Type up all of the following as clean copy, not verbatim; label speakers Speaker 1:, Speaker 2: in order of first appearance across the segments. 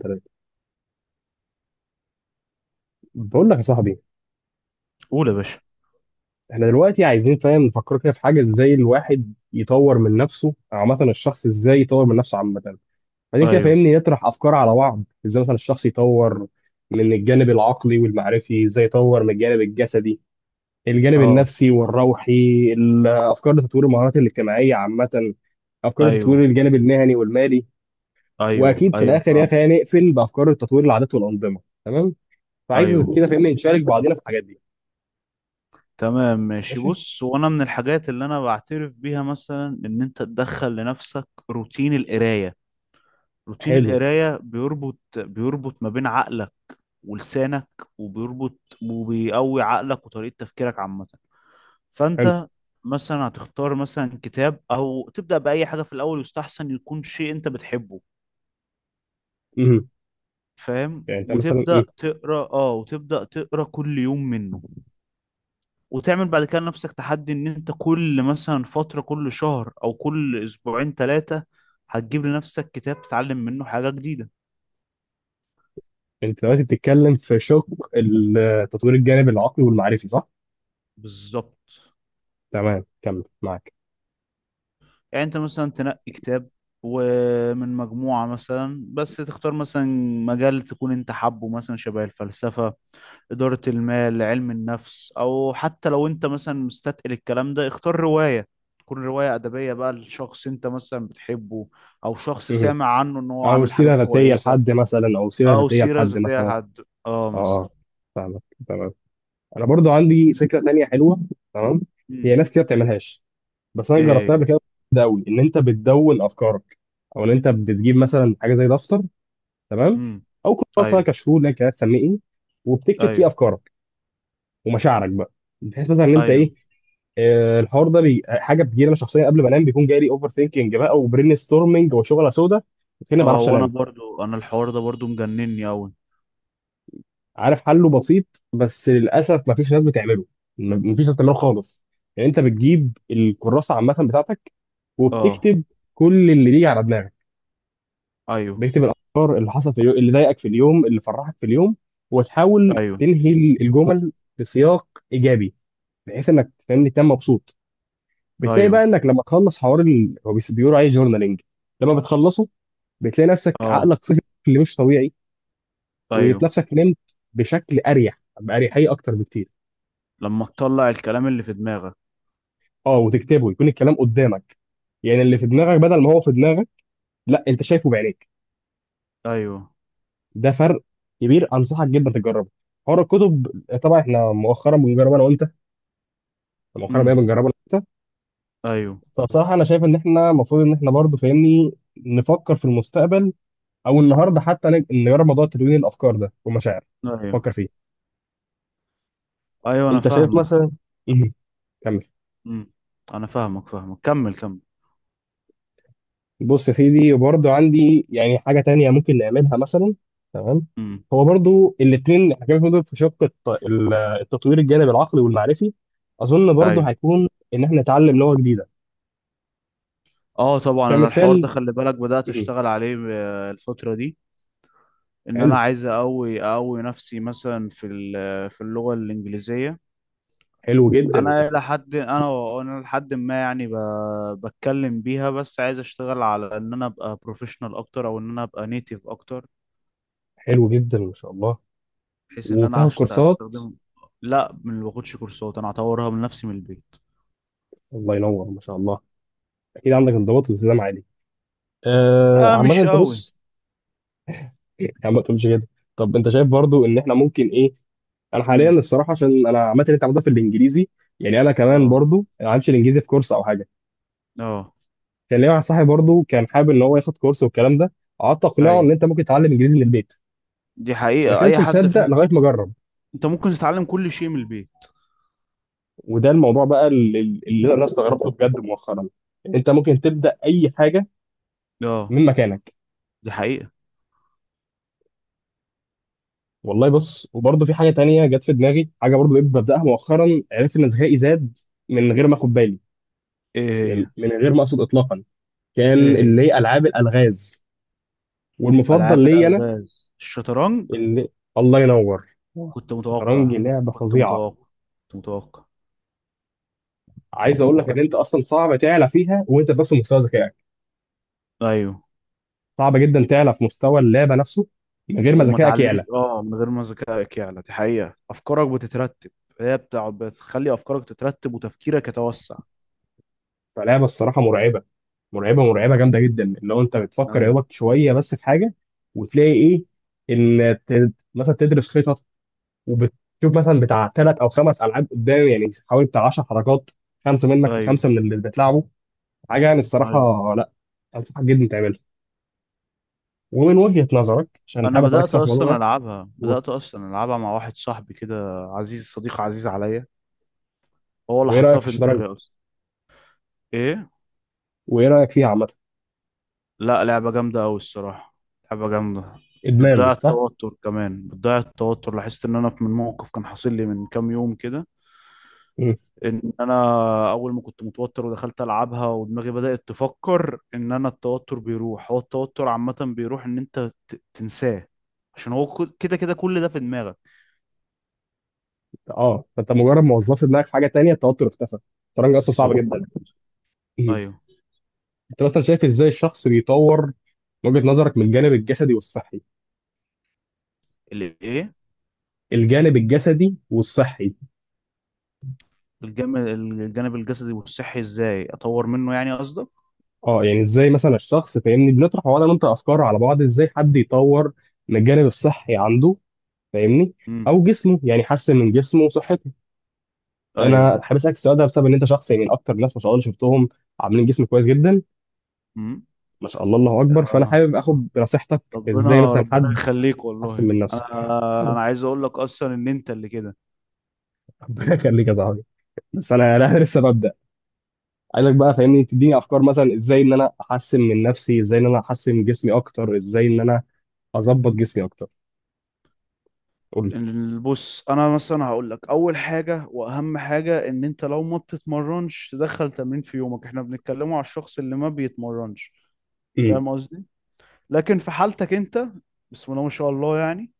Speaker 1: تلاتة. بقول لك يا صاحبي،
Speaker 2: قول يا باشا.
Speaker 1: احنا دلوقتي عايزين فاهم نفكر كده في حاجه، ازاي الواحد يطور من نفسه او عامه الشخص ازاي يطور من نفسه عامه، بعدين كده
Speaker 2: ايوه.
Speaker 1: فاهمني نطرح افكار على بعض ازاي مثلا الشخص يطور من الجانب العقلي والمعرفي، ازاي يطور من الجانب الجسدي، الجانب
Speaker 2: اه.
Speaker 1: النفسي والروحي، الافكار لتطوير المهارات الاجتماعيه عامه، افكار لتطوير
Speaker 2: ايوه
Speaker 1: الجانب المهني والمالي،
Speaker 2: ايوه
Speaker 1: واكيد في
Speaker 2: ايوه
Speaker 1: الاخر يا
Speaker 2: فاهم.
Speaker 1: اخي هنقفل بافكار تطوير العادات والانظمه. تمام. فعايز
Speaker 2: ايوه،
Speaker 1: كده فاهمني نشارك بعضينا في الحاجات دي.
Speaker 2: تمام ماشي.
Speaker 1: ماشي.
Speaker 2: بص، وانا من الحاجات اللي انا بعترف بيها مثلا ان انت تدخل لنفسك روتين القرايه. روتين
Speaker 1: حلو.
Speaker 2: القرايه بيربط ما بين عقلك ولسانك، وبيربط وبيقوي عقلك وطريقه تفكيرك عامه.
Speaker 1: حلو.
Speaker 2: فانت مثلا هتختار مثلا كتاب او تبدا باي حاجه في الاول، يستحسن يكون شيء انت بتحبه.
Speaker 1: مهم.
Speaker 2: فاهم،
Speaker 1: يعني انت مثلا
Speaker 2: وتبدا تقرا، اه، وتبدا تقرا كل يوم منه. وتعمل بعد كده لنفسك تحدي ان انت كل مثلا فترة، كل شهر او كل اسبوعين ثلاثة، هتجيب لنفسك كتاب تتعلم منه حاجة جديدة.
Speaker 1: انت دلوقتي بتتكلم في شق التطوير الجانبي العقلي والمعرفي صح؟
Speaker 2: بالظبط.
Speaker 1: تمام كمل معاك.
Speaker 2: يعني انت مثلا تنقي كتاب ومن مجموعة مثلا، بس تختار مثلا مجال تكون انت حابه، مثلا شبه الفلسفة، إدارة المال، علم النفس، او حتى لو انت مثلا مستثقل الكلام ده اختار رواية. تكون رواية أدبية بقى لشخص انت مثلا بتحبه، او شخص
Speaker 1: مهم.
Speaker 2: سامع عنه ان هو
Speaker 1: او
Speaker 2: عامل
Speaker 1: سيره
Speaker 2: حاجات
Speaker 1: ذاتيه
Speaker 2: كويسة،
Speaker 1: لحد مثلا او سيره
Speaker 2: او
Speaker 1: ذاتيه
Speaker 2: سيره
Speaker 1: لحد
Speaker 2: ذاتيه
Speaker 1: مثلا، اه
Speaker 2: لحد، اه، مثلا.
Speaker 1: آه. فاهمك تمام. انا برضو عندي فكره تانية حلوه. تمام. هي
Speaker 2: امم
Speaker 1: ناس كده بتعملهاش، بس انا جربتها
Speaker 2: ايه.
Speaker 1: قبل كده، ده قوي ان انت بتدون افكارك، او ان انت بتجيب مثلا حاجه زي دفتر. تمام.
Speaker 2: امم
Speaker 1: او كراسه،
Speaker 2: ايوه
Speaker 1: كشكول، لك هتسميه ايه، وبتكتب فيه
Speaker 2: ايوه
Speaker 1: افكارك ومشاعرك بقى، بحيث مثلا ان انت
Speaker 2: ايوه.
Speaker 1: ايه، الحوار ده حاجه بتجيلي انا شخصيا قبل ما انام، بيكون جاي لي اوفر ثينكينج بقى وبرين ستورمنج وشغله سودا، فين ما
Speaker 2: اه
Speaker 1: بعرفش
Speaker 2: وانا
Speaker 1: انام.
Speaker 2: برضو، انا الحوار ده برضو مجنني قوي.
Speaker 1: عارف حله بسيط بس للاسف ما فيش ناس بتعمله، ما فيش ناس بتعمله خالص. يعني انت بتجيب الكراسه عامه بتاعتك
Speaker 2: اه.
Speaker 1: وبتكتب كل اللي بيجي على دماغك،
Speaker 2: ايوه
Speaker 1: بيكتب الافكار اللي حصلت في اليوم، اللي ضايقك في اليوم، اللي فرحك في اليوم، وتحاول
Speaker 2: ايوه
Speaker 1: تنهي الجمل بسياق ايجابي، بحيث انك تفهمني تنام مبسوط. بتلاقي بقى
Speaker 2: ايوه.
Speaker 1: انك لما تخلص حوار هو بيقولوا عليه جورنالينج، لما بتخلصه بتلاقي نفسك
Speaker 2: اه.
Speaker 1: عقلك صحي بشكل مش طبيعي،
Speaker 2: ايوه.
Speaker 1: ونفسك نمت بشكل اريح، باريحيه اكتر بكتير.
Speaker 2: لما تطلع الكلام اللي في دماغك.
Speaker 1: اه وتكتبه يكون الكلام قدامك، يعني اللي في دماغك بدل ما هو في دماغك، لا انت شايفه بعينيك.
Speaker 2: ايوه.
Speaker 1: ده فرق كبير، انصحك جدا تجربه. حوار الكتب طبعا احنا مؤخرا بنجربه انا وانت، مؤخرا بقى
Speaker 2: امم
Speaker 1: بنجربه انا وانت.
Speaker 2: ايوه
Speaker 1: فبصراحه انا شايف ان احنا المفروض ان احنا برضه فاهمني نفكر في المستقبل، او النهارده حتى نجرب موضوع تدوين الافكار ده والمشاعر.
Speaker 2: ايوه
Speaker 1: فكر فيه.
Speaker 2: ايوه، انا
Speaker 1: انت شايف
Speaker 2: فاهمك.
Speaker 1: مثلا. مهم. كمل.
Speaker 2: امم انا فاهمك، كمل كمل.
Speaker 1: بص يا سيدي برضه عندي يعني حاجة تانية ممكن نعملها مثلا. تمام.
Speaker 2: امم
Speaker 1: هو برضه الاتنين حاجات دول في شق التطوير الجانب العقلي والمعرفي، أظن برضه
Speaker 2: ايوه.
Speaker 1: هيكون إن إحنا نتعلم لغة جديدة
Speaker 2: اه طبعا، انا الحوار ده
Speaker 1: كمثال.
Speaker 2: خلي بالك بدأت
Speaker 1: مم.
Speaker 2: اشتغل عليه الفترة دي. ان
Speaker 1: حلو.
Speaker 2: انا عايز اقوي نفسي مثلا في اللغة الانجليزية.
Speaker 1: حلو جدا.
Speaker 2: انا لحد انا انا لحد ما يعني بتكلم بيها، بس عايز اشتغل على ان انا ابقى بروفيشنال اكتر، او ان انا ابقى نيتيف اكتر.
Speaker 1: حلو جدا ما شاء الله.
Speaker 2: بحيث ان انا
Speaker 1: وبتاخد كورسات؟
Speaker 2: استخدم. لا، ما باخدش كورسات، انا هطورها من نفسي من البيت.
Speaker 1: الله ينور ما شاء الله. أكيد عندك انضباط والتزام عالي. آه
Speaker 2: اه
Speaker 1: عامة
Speaker 2: مش
Speaker 1: أنت
Speaker 2: قوي.
Speaker 1: بص. يا عم ما تقولش كده. طب أنت شايف برضه إن إحنا ممكن إيه، انا حاليا
Speaker 2: امم
Speaker 1: الصراحه عشان انا عامه اللي انت عملتها في الانجليزي، يعني انا كمان
Speaker 2: اه.
Speaker 1: برضو ما عملتش الانجليزي في كورس او حاجه.
Speaker 2: اه.
Speaker 1: كان ليا واحد صاحبي برضو كان حابب ان هو ياخد كورس والكلام ده، قعدت اقنعه ان
Speaker 2: ايوه
Speaker 1: انت ممكن تتعلم انجليزي من البيت،
Speaker 2: دي
Speaker 1: ما
Speaker 2: حقيقة، اي
Speaker 1: كانش
Speaker 2: حد
Speaker 1: مصدق
Speaker 2: في...
Speaker 1: لغايه ما جرب.
Speaker 2: انت ممكن تتعلم كل شيء من البيت.
Speaker 1: وده الموضوع بقى اللي انا استغربته بجد مؤخرا، ان انت ممكن تبدا اي حاجه
Speaker 2: اه
Speaker 1: من مكانك.
Speaker 2: دي حقيقة.
Speaker 1: والله بص، وبرضو في حاجه تانية جت في دماغي، حاجه برضو بقيت ببداها مؤخرا، عرفت ان ذكائي زاد من غير ما اخد بالي،
Speaker 2: ايه.
Speaker 1: يعني
Speaker 2: هي.
Speaker 1: من غير ما اقصد اطلاقا. كان
Speaker 2: ايه. هي.
Speaker 1: اللي هي العاب الالغاز، والمفضل
Speaker 2: العاب
Speaker 1: ليا انا
Speaker 2: الالغاز، الشطرنج.
Speaker 1: اللي... الله ينور.
Speaker 2: كنت
Speaker 1: الشطرنج
Speaker 2: متوقع
Speaker 1: لعبه
Speaker 2: كنت
Speaker 1: فظيعه.
Speaker 2: متوقع كنت متوقع.
Speaker 1: عايز اقول لك ان انت اصلا صعب تعلى فيها وانت بس في مستوى ذكائك،
Speaker 2: ايوه.
Speaker 1: صعب جدا تعلى في مستوى اللعبه نفسه من غير ما
Speaker 2: وما
Speaker 1: ذكائك
Speaker 2: تعليش،
Speaker 1: يعلى.
Speaker 2: اه، من غير ما ذكائك يعلى دي حقيقة، افكارك بتترتب. هي بتقعد بتخلي افكارك تترتب وتفكيرك يتوسع.
Speaker 1: فلعبه الصراحه مرعبه، مرعبه مرعبه جامده جدا، اللي هو انت بتفكر يا
Speaker 2: ايوه.
Speaker 1: دوبك شويه بس في حاجه، وتلاقي ايه، ان مثلا تدرس خطط، وبتشوف مثلا بتاع ثلاث او خمس العاب قدام، يعني حوالي بتاع 10 حركات، خمسه منك
Speaker 2: ايوه.
Speaker 1: وخمسه من اللي بتلعبه، حاجه يعني
Speaker 2: ايوه.
Speaker 1: الصراحه، لا، انصحك جدا تعملها. ومن وجهة نظرك عشان
Speaker 2: انا
Speaker 1: حابب اسالك
Speaker 2: بدأت
Speaker 1: صح في الموضوع
Speaker 2: اصلا
Speaker 1: ده
Speaker 2: العبها
Speaker 1: و...
Speaker 2: بدأت اصلا العبها مع واحد صاحبي كده، صديق عزيز عليا. هو اللي
Speaker 1: وايه رايك
Speaker 2: حطها
Speaker 1: في
Speaker 2: في
Speaker 1: الشطرنج،
Speaker 2: دماغي اصلا. ايه.
Speaker 1: وايه رايك فيها عامه؟
Speaker 2: لا لعبة جامدة قوي الصراحة، لعبة جامدة. بتضيع
Speaker 1: ادمان صح؟
Speaker 2: التوتر، كمان بتضيع التوتر. لاحظت ان انا في من موقف كان حاصل لي من كام يوم كده،
Speaker 1: مم.
Speaker 2: ان انا اول ما كنت متوتر ودخلت العبها ودماغي بدأت تفكر ان انا التوتر بيروح. هو التوتر عامة بيروح ان انت تنساه، عشان هو كده كده كل ده في دماغك.
Speaker 1: اه فانت مجرد ما وظفت دماغك في حاجه تانية التوتر اختفى. الشطرنج اصلا صعب
Speaker 2: بالظبط.
Speaker 1: جدا. مم.
Speaker 2: ايوه.
Speaker 1: انت مثلا شايف ازاي الشخص بيطور من وجهة نظرك من الجانب الجسدي والصحي؟
Speaker 2: الايه؟
Speaker 1: الجانب الجسدي والصحي.
Speaker 2: الجانب، الجانب الجسدي والصحي ازاي اطور منه يعني قصدك؟
Speaker 1: اه يعني ازاي مثلا الشخص فاهمني بنطرح هو انا وانت افكار على بعض ازاي حد يطور من الجانب الصحي عنده، فاهمني،
Speaker 2: امم
Speaker 1: او جسمه، يعني يحسن من جسمه وصحته.
Speaker 2: ايوه.
Speaker 1: انا حابب اسالك السؤال ده بسبب ان انت شخص، يعني من اكتر الناس ما شاء الله اللي شفتهم عاملين جسم كويس جدا،
Speaker 2: امم
Speaker 1: ما شاء الله الله اكبر. فانا
Speaker 2: آه.
Speaker 1: حابب
Speaker 2: آه.
Speaker 1: اخد بنصيحتك ازاي
Speaker 2: ربنا
Speaker 1: مثلا
Speaker 2: ربنا
Speaker 1: حد
Speaker 2: يخليك
Speaker 1: يحسن
Speaker 2: والله.
Speaker 1: من نفسه.
Speaker 2: انا عايز اقول لك اصلا ان انت اللي كده.
Speaker 1: ربنا يخليك يا صاحبي، بس انا لا لسه ببدا. عايزك بقى فاهمني تديني افكار، مثلا ازاي ان انا احسن من نفسي، ازاي ان انا احسن جسمي اكتر، ازاي ان انا اظبط جسمي اكتر. قول لي.
Speaker 2: بص انا مثلا هقول لك اول حاجه واهم حاجه، ان انت لو ما بتتمرنش تدخل تمرين في يومك. احنا بنتكلموا على الشخص اللي ما بيتمرنش،
Speaker 1: أمم.
Speaker 2: فاهم قصدي؟ لكن في حالتك انت، بسم الله ما شاء الله يعني،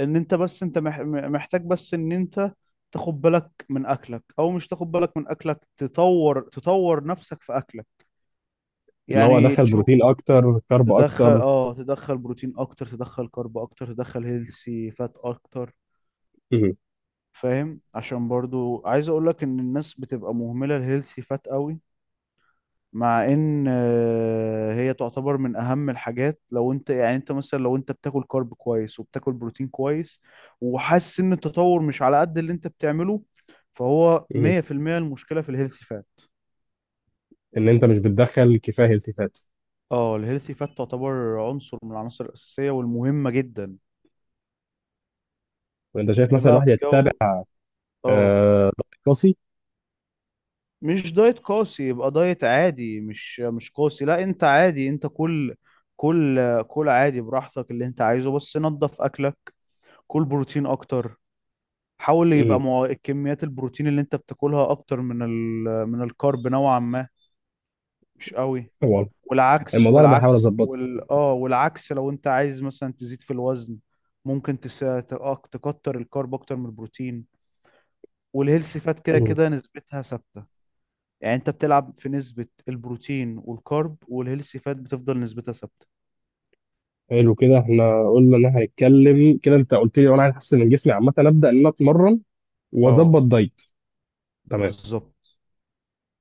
Speaker 2: ان انت بس انت محتاج بس ان انت تاخد بالك من اكلك، او مش تاخد بالك من اكلك، تطور تطور نفسك في اكلك.
Speaker 1: اللي هو
Speaker 2: يعني
Speaker 1: ادخل
Speaker 2: تشوف
Speaker 1: بروتين اكتر كارب
Speaker 2: تدخل،
Speaker 1: اكتر.
Speaker 2: اه، تدخل بروتين اكتر، تدخل كارب اكتر، تدخل هيلثي فات اكتر.
Speaker 1: أمم.
Speaker 2: فاهم؟ عشان برضو عايز اقول لك ان الناس بتبقى مهملة الهيلثي فات قوي، مع ان، هي تعتبر من اهم الحاجات. لو انت يعني انت مثلا لو انت بتاكل كارب كويس وبتاكل بروتين كويس، وحاسس ان التطور مش على قد اللي انت بتعمله، فهو
Speaker 1: أمم.
Speaker 2: 100% المشكلة في الهيلثي فات.
Speaker 1: ان انت مش بتدخل كفايه التفات.
Speaker 2: اه الهيلثي فات تعتبر عنصر من العناصر الأساسية والمهمة جدا.
Speaker 1: وانت شايف مثلا
Speaker 2: تبقى
Speaker 1: الواحد
Speaker 2: في
Speaker 1: يتبع
Speaker 2: جو، اه،
Speaker 1: دايت قاسي؟
Speaker 2: مش دايت قاسي، يبقى دايت عادي، مش قاسي. لا انت عادي، انت كل كل كل عادي براحتك اللي انت عايزه، بس نظف اكلك. كل بروتين اكتر، حاول
Speaker 1: مم.
Speaker 2: يبقى مع كميات البروتين اللي انت بتاكلها اكتر من ال... من الكارب نوعا ما. مش قوي.
Speaker 1: والله
Speaker 2: والعكس،
Speaker 1: الموضوع انا بحاول
Speaker 2: والعكس
Speaker 1: اظبطه.
Speaker 2: وال اه والعكس لو انت عايز مثلا تزيد في الوزن، ممكن تس... ت- آه، تكتر الكارب اكتر من البروتين. والهيلثي فات كده
Speaker 1: مم.
Speaker 2: كده نسبتها ثابتة. يعني انت بتلعب في نسبة البروتين والكارب، والهيلثي فات بتفضل نسبتها ثابتة.
Speaker 1: حلو كده، احنا قلنا ان احنا هنتكلم كده، انت قلت لي وانا عايز احسن من جسمي عامه ابدا ان انا اتمرن واظبط
Speaker 2: اه
Speaker 1: دايت. تمام.
Speaker 2: بالظبط.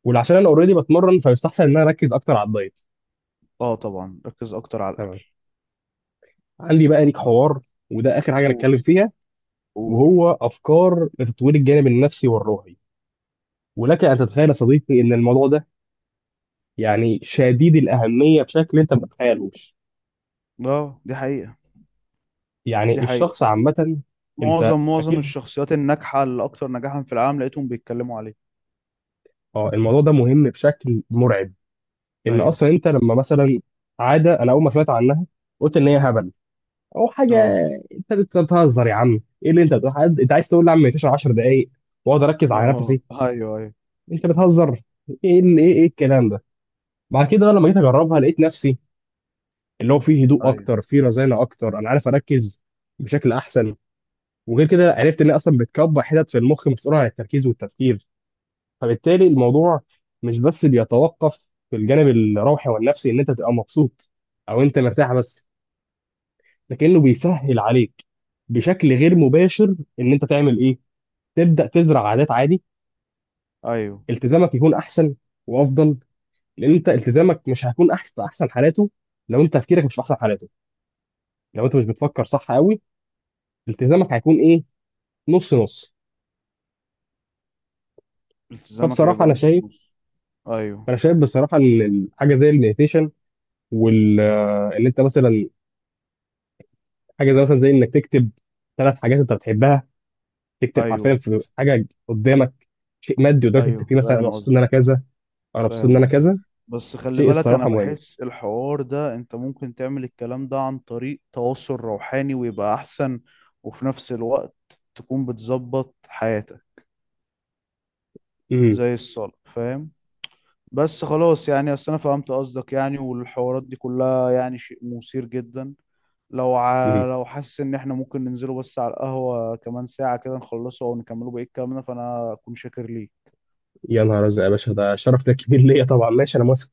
Speaker 1: ولعشان انا اوريدي بتمرن فيستحسن ان انا اركز اكتر على الدايت.
Speaker 2: اه طبعا ركز اكتر على
Speaker 1: تمام.
Speaker 2: الاكل.
Speaker 1: عندي بقى ليك حوار وده اخر حاجه
Speaker 2: قول.
Speaker 1: نتكلم فيها،
Speaker 2: قول.
Speaker 1: وهو افكار لتطوير الجانب النفسي والروحي. ولك ان تتخيل يا صديقي ان الموضوع ده يعني شديد الاهميه بشكل انت ما تتخيلوش.
Speaker 2: اه دي حقيقة. دي
Speaker 1: يعني
Speaker 2: حقيقة،
Speaker 1: الشخص عامه، انت
Speaker 2: معظم
Speaker 1: اكيد.
Speaker 2: الشخصيات الناجحة اللي اكتر نجاحا في العالم لقيتهم بيتكلموا عليه.
Speaker 1: اه الموضوع ده مهم بشكل مرعب، ان
Speaker 2: ايوه.
Speaker 1: اصلا انت لما مثلا عاده انا اول ما سمعت عنها قلت ان هي هبل او حاجه،
Speaker 2: اه.
Speaker 1: انت بتهزر يا عم، ايه اللي انت بتقول، حد انت عايز تقول لي يا عم 10 دقائق واقعد اركز على
Speaker 2: اه.
Speaker 1: نفسي؟
Speaker 2: ايوه
Speaker 1: انت بتهزر. ايه الكلام ده؟ بعد كده بقى لما جيت اجربها لقيت نفسي، اللي هو فيه هدوء اكتر،
Speaker 2: ايوه
Speaker 1: فيه رزانه اكتر، انا عارف اركز بشكل احسن. وغير كده عرفت ان هي اصلا بتكبر حتت في المخ مسؤوله عن التركيز والتفكير، فبالتالي الموضوع مش بس بيتوقف في الجانب الروحي والنفسي ان انت تبقى مبسوط او انت مرتاح بس، ده كأنه بيسهل عليك بشكل غير مباشر ان انت تعمل ايه، تبدأ تزرع عادات عادي،
Speaker 2: ايوه.
Speaker 1: التزامك يكون احسن وافضل. لان انت التزامك مش هيكون احسن في احسن حالاته لو انت تفكيرك مش في احسن حالاته، لو انت مش بتفكر صح قوي التزامك هيكون ايه، نص نص.
Speaker 2: التزامك
Speaker 1: فبصراحة
Speaker 2: هيبقى
Speaker 1: انا
Speaker 2: نص
Speaker 1: شايف
Speaker 2: نص. ايوه.
Speaker 1: انا شايف بصراحة ان حاجة زي المديتيشن، وال آه، ان انت مثلا حاجة زي مثلا زي انك تكتب ثلاث حاجات انت بتحبها، تكتب حرفيا
Speaker 2: ايوه.
Speaker 1: في حاجة قدامك، شيء مادي قدامك
Speaker 2: ايوه
Speaker 1: تكتب فيه مثلا انا
Speaker 2: فاهم
Speaker 1: مبسوط ان
Speaker 2: قصدي.
Speaker 1: انا كذا، انا مبسوط ان
Speaker 2: فاهم
Speaker 1: انا
Speaker 2: قصدك،
Speaker 1: كذا.
Speaker 2: بس خلي
Speaker 1: شيء
Speaker 2: بالك انا
Speaker 1: الصراحة مهم.
Speaker 2: بحس الحوار ده انت ممكن تعمل الكلام ده عن طريق تواصل روحاني ويبقى احسن. وفي نفس الوقت تكون بتظبط حياتك،
Speaker 1: امم
Speaker 2: زي الصلاة، فاهم؟ بس خلاص يعني، اصل انا فهمت قصدك يعني. والحوارات دي كلها يعني شيء مثير جدا. لو
Speaker 1: امم
Speaker 2: لو حاسس ان احنا ممكن ننزله بس على القهوة كمان ساعة كده، نخلصه او نكمله بقية كلامنا، فانا اكون شاكر ليك.
Speaker 1: يا نهار ازرق يا باشا، ده شرف ده كبير ليا طبعا، ماشي انا موافق.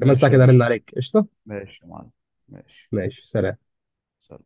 Speaker 1: كمان ساعة
Speaker 2: يا
Speaker 1: كده ارن
Speaker 2: باشا.
Speaker 1: عليك قشطة.
Speaker 2: ماشي يا معلم. ماشي،
Speaker 1: ماشي سلام.
Speaker 2: سلام.